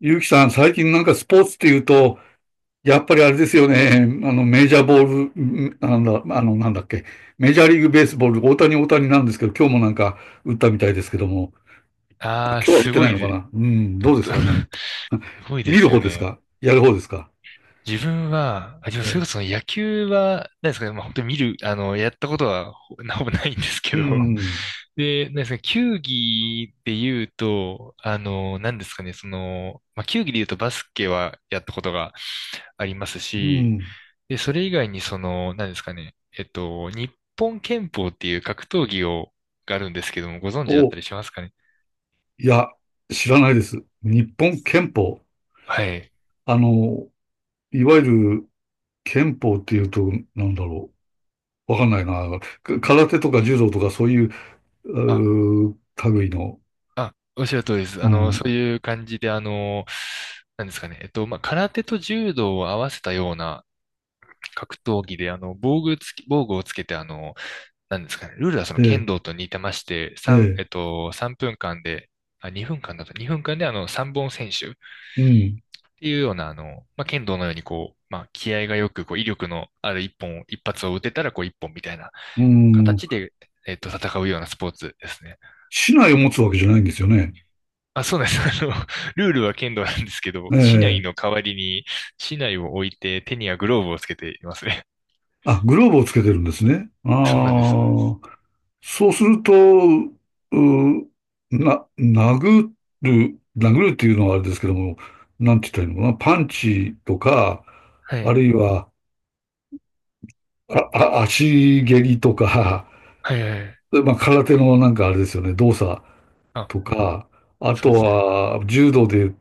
ゆうきさん、最近なんかスポーツっていうと、やっぱりあれですよね。メジャーボール、なんだっけ。メジャーリーグベースボール、大谷大谷なんですけど、今日もなんか打ったみたいですけども、あ、ああ、今日は打っすてごないいのかで、な。うん、どうですかね。すご いで見るす方よですね。か、やる方ですか？自分は、でもそれこええ、そ野球は、何ですかね、まあ本当に見る、あの、やったことはほぼないんですけうど、ん、で、何ですかね、球技で言うと、あの、何ですかね、その、まあ球技で言うとバスケはやったことがありますうし、ん。で、それ以外にその、何ですかね、えっと、日本拳法っていう格闘技があるんですけども、ご存知だっお、たいりしますかね。や、知らないです。日本憲法。はい。あの、いわゆる憲法っていうと、なんだろう。わかんないな。空手とか柔道とかそういうあ、類の。おっしゃる通りです。うそん。ういう感じで、あの、なんですかね。えっと、まあ、空手と柔道を合わせたような格闘技で、防具をつけて、あの、なんですかね。ルールはそのえ剣え、道と似てまして、え三え、えっと、3分間で、2分間だと、2分間で3本選手うん、ていうような、まあ、剣道のようにこう、まあ、気合がよく、こう、威力のある一本、一発を打てたら、こう、一本みたいなうん。形で、戦うようなスポーツですね。市内を持つわけじゃないんですよね。そうなんです。ルールは剣道なんですけど、え竹刀え。の代わりに、竹刀を置いて手にはグローブをつけていますね。あ、グローブをつけてるんですね。あ そうなんです、そうなんです。あ。そうすると、な、殴殴るっていうのはあれですけども、なんて言ったらいいのかな。パンチとか、はあい。るいは、足蹴りとか、はいはいはい。まあ、空手のなんかあれですよね、動作あ、とか、あそうとですね。は、柔道で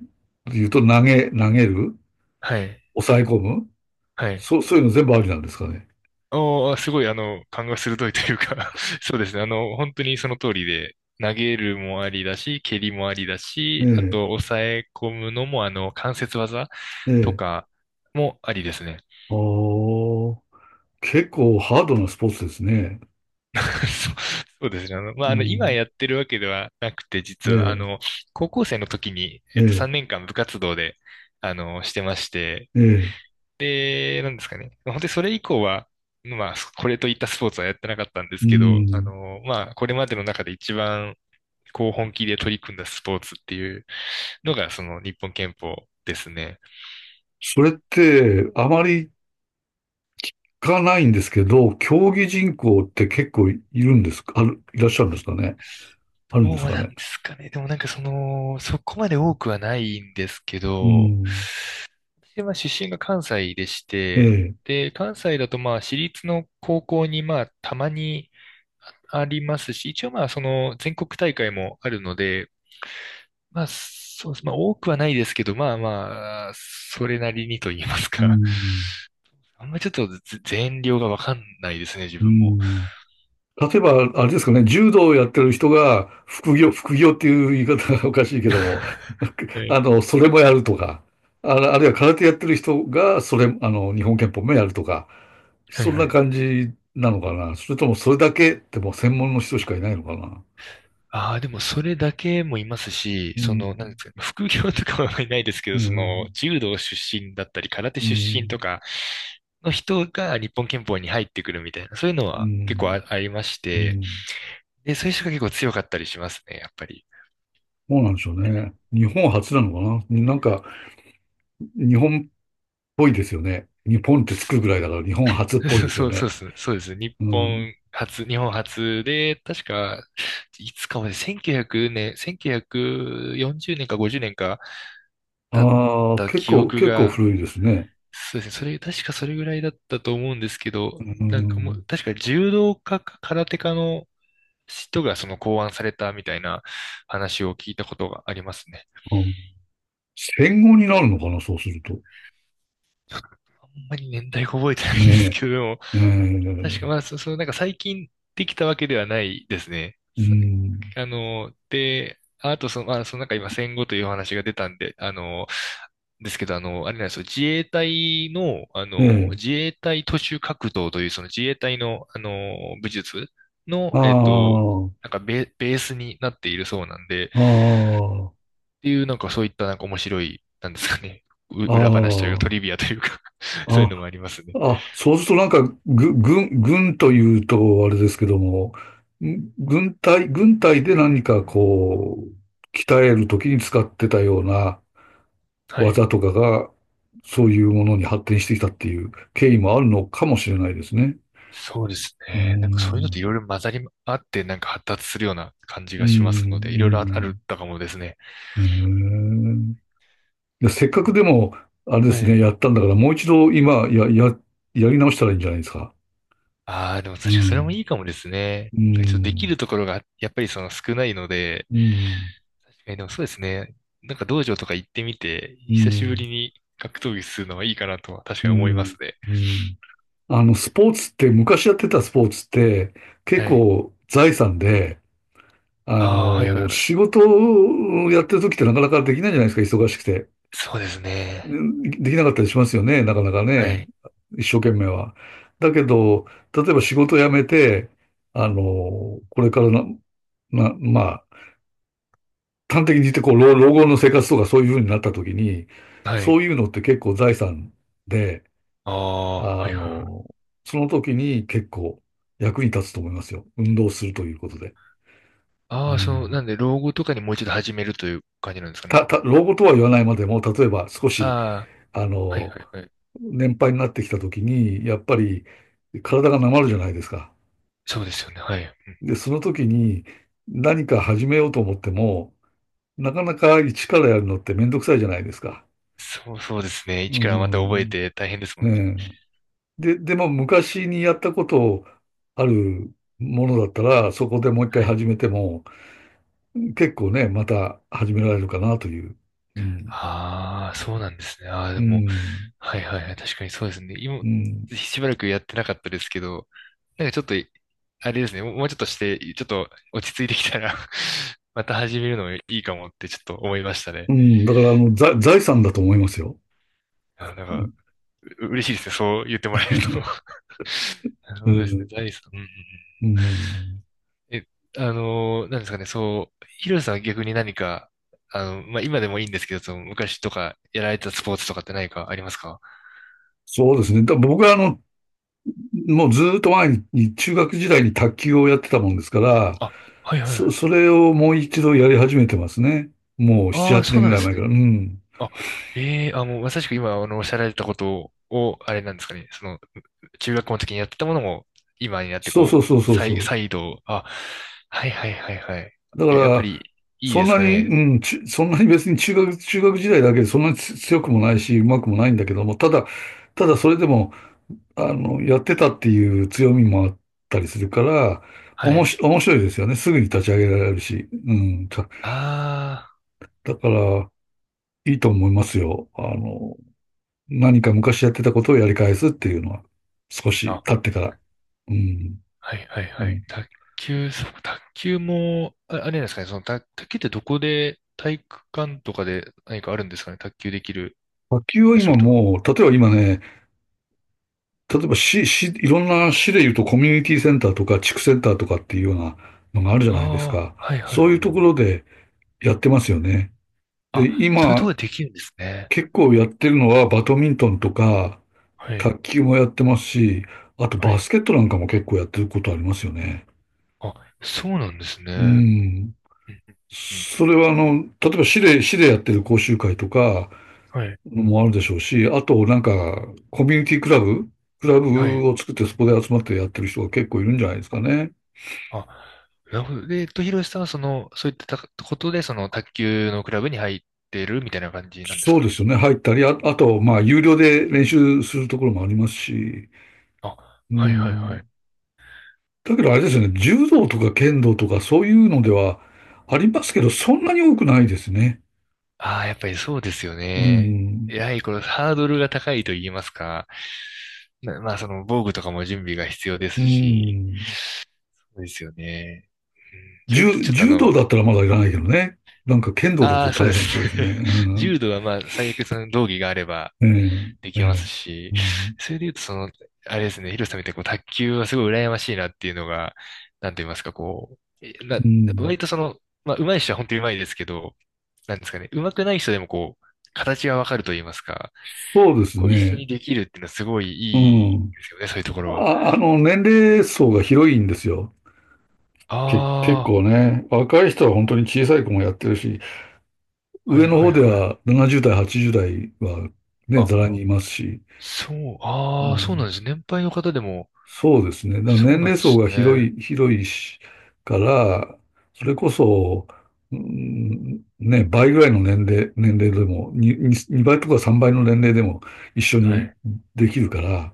言うと投げる、はい。抑え込む、はい。そういうの全部ありなんですかね。おー、すごい、勘が鋭いというか そうですね。本当にその通りで、投げるもありだし、蹴りもありだし、あえと、抑え込むのも、関節技え、えとえ。かもありですね。ああ、結構ハードなスポーツですね。そうそうですね。う今ん。やってるわけではなくて、え実は、あえ、の、高校生の時に、え3年間部活動で、してまして、え、ええ。で、なんですかね。まあ本当にそれ以降は、まあ、これといったスポーツはやってなかったんでうすけど、ん。これまでの中で一番、こう、本気で取り組んだスポーツっていうのが、日本拳法ですね。それって、あまり聞かないんですけど、競技人口って結構いるんですか、いらっしゃるんですかね。あどるんでうすかなんね。ですかね。でもなんかその、そこまで多くはないんですけうど、ん。でまあ出身が関西でしえて、え、で、関西だとまあ私立の高校にまあたまにありますし、一応まあその全国大会もあるので、まあそうです。まあ多くはないですけど、まあまあ、それなりにと言いますうか。ん。あんまちょっと全量がわかんないですね、自う分も。ん。例えば、あれですかね、柔道をやってる人が、副業、副業っていう言い方が おかしいけども、は い。それもやるとか、あるいは空手やってる人が、それ、あの、日本拳法もやるとか、はいそんはない感じなのかな。それともそれだけってもう専門の人しかいないのかな。ああ、でもそれだけもいますし、うそん、の、なんですか、副業とかはいないですけうど、その、ん、柔道出身だったり、空手う出身とん、かの人が日本拳法に入ってくるみたいな、そういうのうは結構ん、ありましうて、ん。で、そういう人が結構強かったりしますね、やっぱり。そうなんでしょうね。日本初なのかな。なんか、日本っぽいですよね。日本ってつくぐらいだから、日本初っぽい ですよそうそうそうでね。すね。そうですね。日うん。本初、日本初で、確か、いつかまで1900年、1940年か50年かだっああ、た記憶結構が古いですね。そうですね。確かそれぐらいだったと思うんですけうど、ーなんかもう、ん、確か柔道家か空手家の人がその考案されたみたいな話を聞いたことがありますね。うん。戦後になるのかな、そうすると。ちょっとあんまり年代が覚えてないんですねけど、でもえ。確かまあ、そのなんか最近できたわけではないですね。うん、で、あとそのなんか今戦後というお話が出たんで、あの、ですけど、あの、あれなんですよ、自衛隊の、ねえ。自衛隊徒手格闘という、その自衛隊の、武術の、ああ、ベースになっているそうなんで、っああ、ていう、なんかそういったなんか面白い、なんですかね、う 裏話というかトあリビアというか そういうあ、のもありますね。あ、あ、そうするとなんか、軍というと、あれですけども、軍隊で何かこう、鍛えるときに使ってたような、はい。技とかが、そういうものに発展してきたっていう経緯もあるのかもしれないですね。そうですうーね。なんかそういうのっていん、ろいろ混ざり合って、なんか発達するような感じうーがしますので、いろいろあるん、かもですね。うーん。へえ。で、せっかくでも、あれではすね、い。やったんだから、もう一度今、やり直したらいいんじゃないですか。ああ、でも確うかにそれもん、いいかもですね。うなんかちょっとできん、るところがやっぱりその少ないので、うん、確かにでもそうですね。なんか道場とか行ってみて、う久しぶん、りに格闘技するのはいいかなとは確うかに思いまん、すね。うん。スポーツって、昔やってたスポーツって、結はい。構財産で、ああ、はいはいは仕い。事をやってる時ってなかなかできないじゃないですか、忙しくて。そうですね。できなかったりしますよね、なかなかはね。い。一生懸命は。だけど、例えば仕事を辞めて、これからまあ、端的に言ってこう、老後の生活とかそういうふうになった時に、はそい。ういうのって結構財産で、ああ、はあいはいはい。の、その時に結構役に立つと思いますよ。運動するということで。うああ、その、なんん。で老後とかにもう一度始めるという感じなんですかね。老後とは言わないまでも、例えば少し、ああ、あはいはの、いはい。年配になってきた時に、やっぱり体がなまるじゃないですか。そうですよね。はい。で、その時に何か始めようと思っても、なかなか一からやるのってめんどくさいじゃないですか。そうですね。う一からまた覚えん。て大変ですもえんね。え、でも昔にやったことあるものだったら、そこでもう一回はい。始めても、結構ね、また始められるかなという。うん。ああ、そうなんですね。ああ、うでも、ん。はいはいはい。確かにそうですね。今、うん。しばらくやってなかったですけど、なんかちょっと、あれですね。もうちょっとして、ちょっと落ち着いてきたら また始めるのもいいかもってちょっと思いましたね。うん。だから、財産だと思いますよ。うあ、なんか、ん。嬉しいですね。そう言ってもらえると なるうほどですね。ん。財産。うんうんうんうん。え、あのーなんですかね、そう、ヒロさんは逆に何か、今でもいいんですけど、その昔とかやられたスポーツとかって何かありますかそうですね。僕はもうずーっと前に中学時代に卓球をやってたもんですから、あ、はいはいはい。それをもう一度やり始めてますね。もう7、ああ、8そう年ぐなんでらいす前かね。ら。うん。あ、もうまさしく今、おっしゃられたことを、あれなんですかね。その、中学校の時にやってたものも、今になってそうそうこそうう、そうそう。再度、あ、はいはいはいはい。だかえ、やっぱら、り、いいそんですなに、かね。うん、そんなに別に中学時代だけでそんなに強くもないし、うまくもないんだけども、ただそれでも、やってたっていう強みもあったりするから、はおもい。し、面白いですよね。すぐに立ち上げられるし。うん。たあだから、いいと思いますよ。何か昔やってたことをやり返すっていうのは、少あ、しあ、経ってから。うん。はいはいうはい。ん。卓球も、あ、あれなんですかね。その、卓球ってどこで、体育館とかで何かあるんですかね。卓球できる野球は場所今とか。もう、例えば今ね、例えばいろんな市で言うとコミュニティセンターとか地区センターとかっていうようなのがあるじゃないですあか。あ、はいはそい。ういうところでやってますよね。あ、で、そういうとこ今ろでできるんですね。結構やってるのはバドミントンとかはい。卓球もやってますし、あとはバスい。ケットなんかも結構やってることありますよね。あ、そうなんですね。ううん。んうんうんそれは例えば市でやってる講習会とかはい。もあるでしょうし、あとなんかコミュニティクラブ、クラはい。ブを作ってそこで集まってやってる人が結構いるんじゃないですかね。あ、なるほど。で、ひろしさんはその、そういったことで、その、卓球のクラブに入ってるみたいな感じなんですそかうでね。すよね。入ったり、あと、まあ、有料で練習するところもありますし、あ、うはいはいはい。ん。だけどあれですよね、柔道とか剣道とかそういうのではありますけど、そんなに多くないですね。ああ、やっぱりそうですようね。ん。やはりこのハードルが高いと言いますか。まあ、その、防具とかも準備が必要でうすし。ん。そうですよね。うん、それとちょっとあ柔道の、だったらまだいらないけどね。なんか剣道だあとあ、そう大で変そうすですね。ね。う 柔ん。道はまあ、最悪その道着があればええ、でえきますえ。し、うん。それで言うと、その、あれですね、ヒロさんみたいにこう卓球はすごい羨ましいなっていうのが、なんと言いますか、こう、えな、うん。割とその、まあ、上手い人は本当に上手いですけど、なんですかね、上手くない人でもこう、形がわかると言いますか、そうですこう、一緒ね。にできるっていうのはすごいういいん。ですよね、そういうところは。年齢層が広いんですよ。結あ構ね。若い人は本当に小さい子もやってるし、あ、は上いのは方いではい。は70代、80代はね、ざらあ、にいますし。そう、うああ、そうなんん。です。年配の方でも、そうですね。だからそ年うなんで齢層すがね。広いしから、それこそ、うん、ね、倍ぐらいの年齢でも、2倍とか3倍の年齢でも一緒はにい。できるから、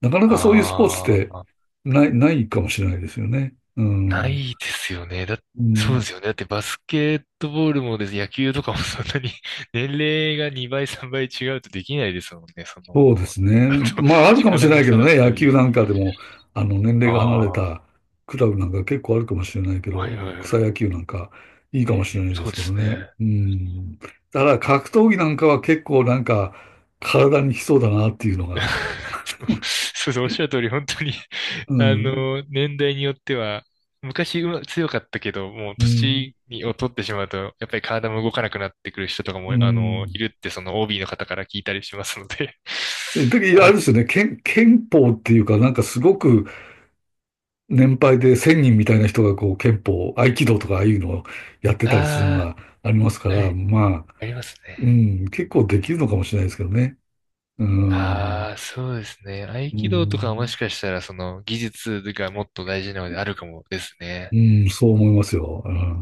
なかなかそういうスポーツっあてあ。ないかもしれないですよね。うなん。いですよね。うそうでん。すよね。だってバスケットボールもです、野球とかもそんなに 年齢が2倍、3倍違うとできないですもんね。そそうでの、すね。あと、まあ、あるかもし力れなのいけ差どだっね、た野球り。なんかでも、年齢が離れああ、たクラブなんか結構あるかもしれないけはいど、はいはい。草野球なんかいいうかもしれなん、いでそうすでけどすね。ね。うん。だから格闘技なんかは結構なんか体にきそうだなっていうのが。そうそう、おっしゃる通り、本当に うん。年代によっては、昔強かったけど、もううん。年を取ってしまうと、やっぱり体も動かなくなってくる人とかうも、いん。るって、その OB の方から聞いたりしますので でああれる、ですよね、憲法っていうか、なんかすごく年配で1000人みたいな人がこう憲法、合気道とかああいうのをやってたりするのあがありますかあ、はら、い、まあ、ありますうね。ん、結構できるのかもしれないですけどね。うん、ああ、そうですね。合う気道とかはもん、しかしたら、その技術がもっと大事なのであるかもですね。うん、そう思いますよ。うん。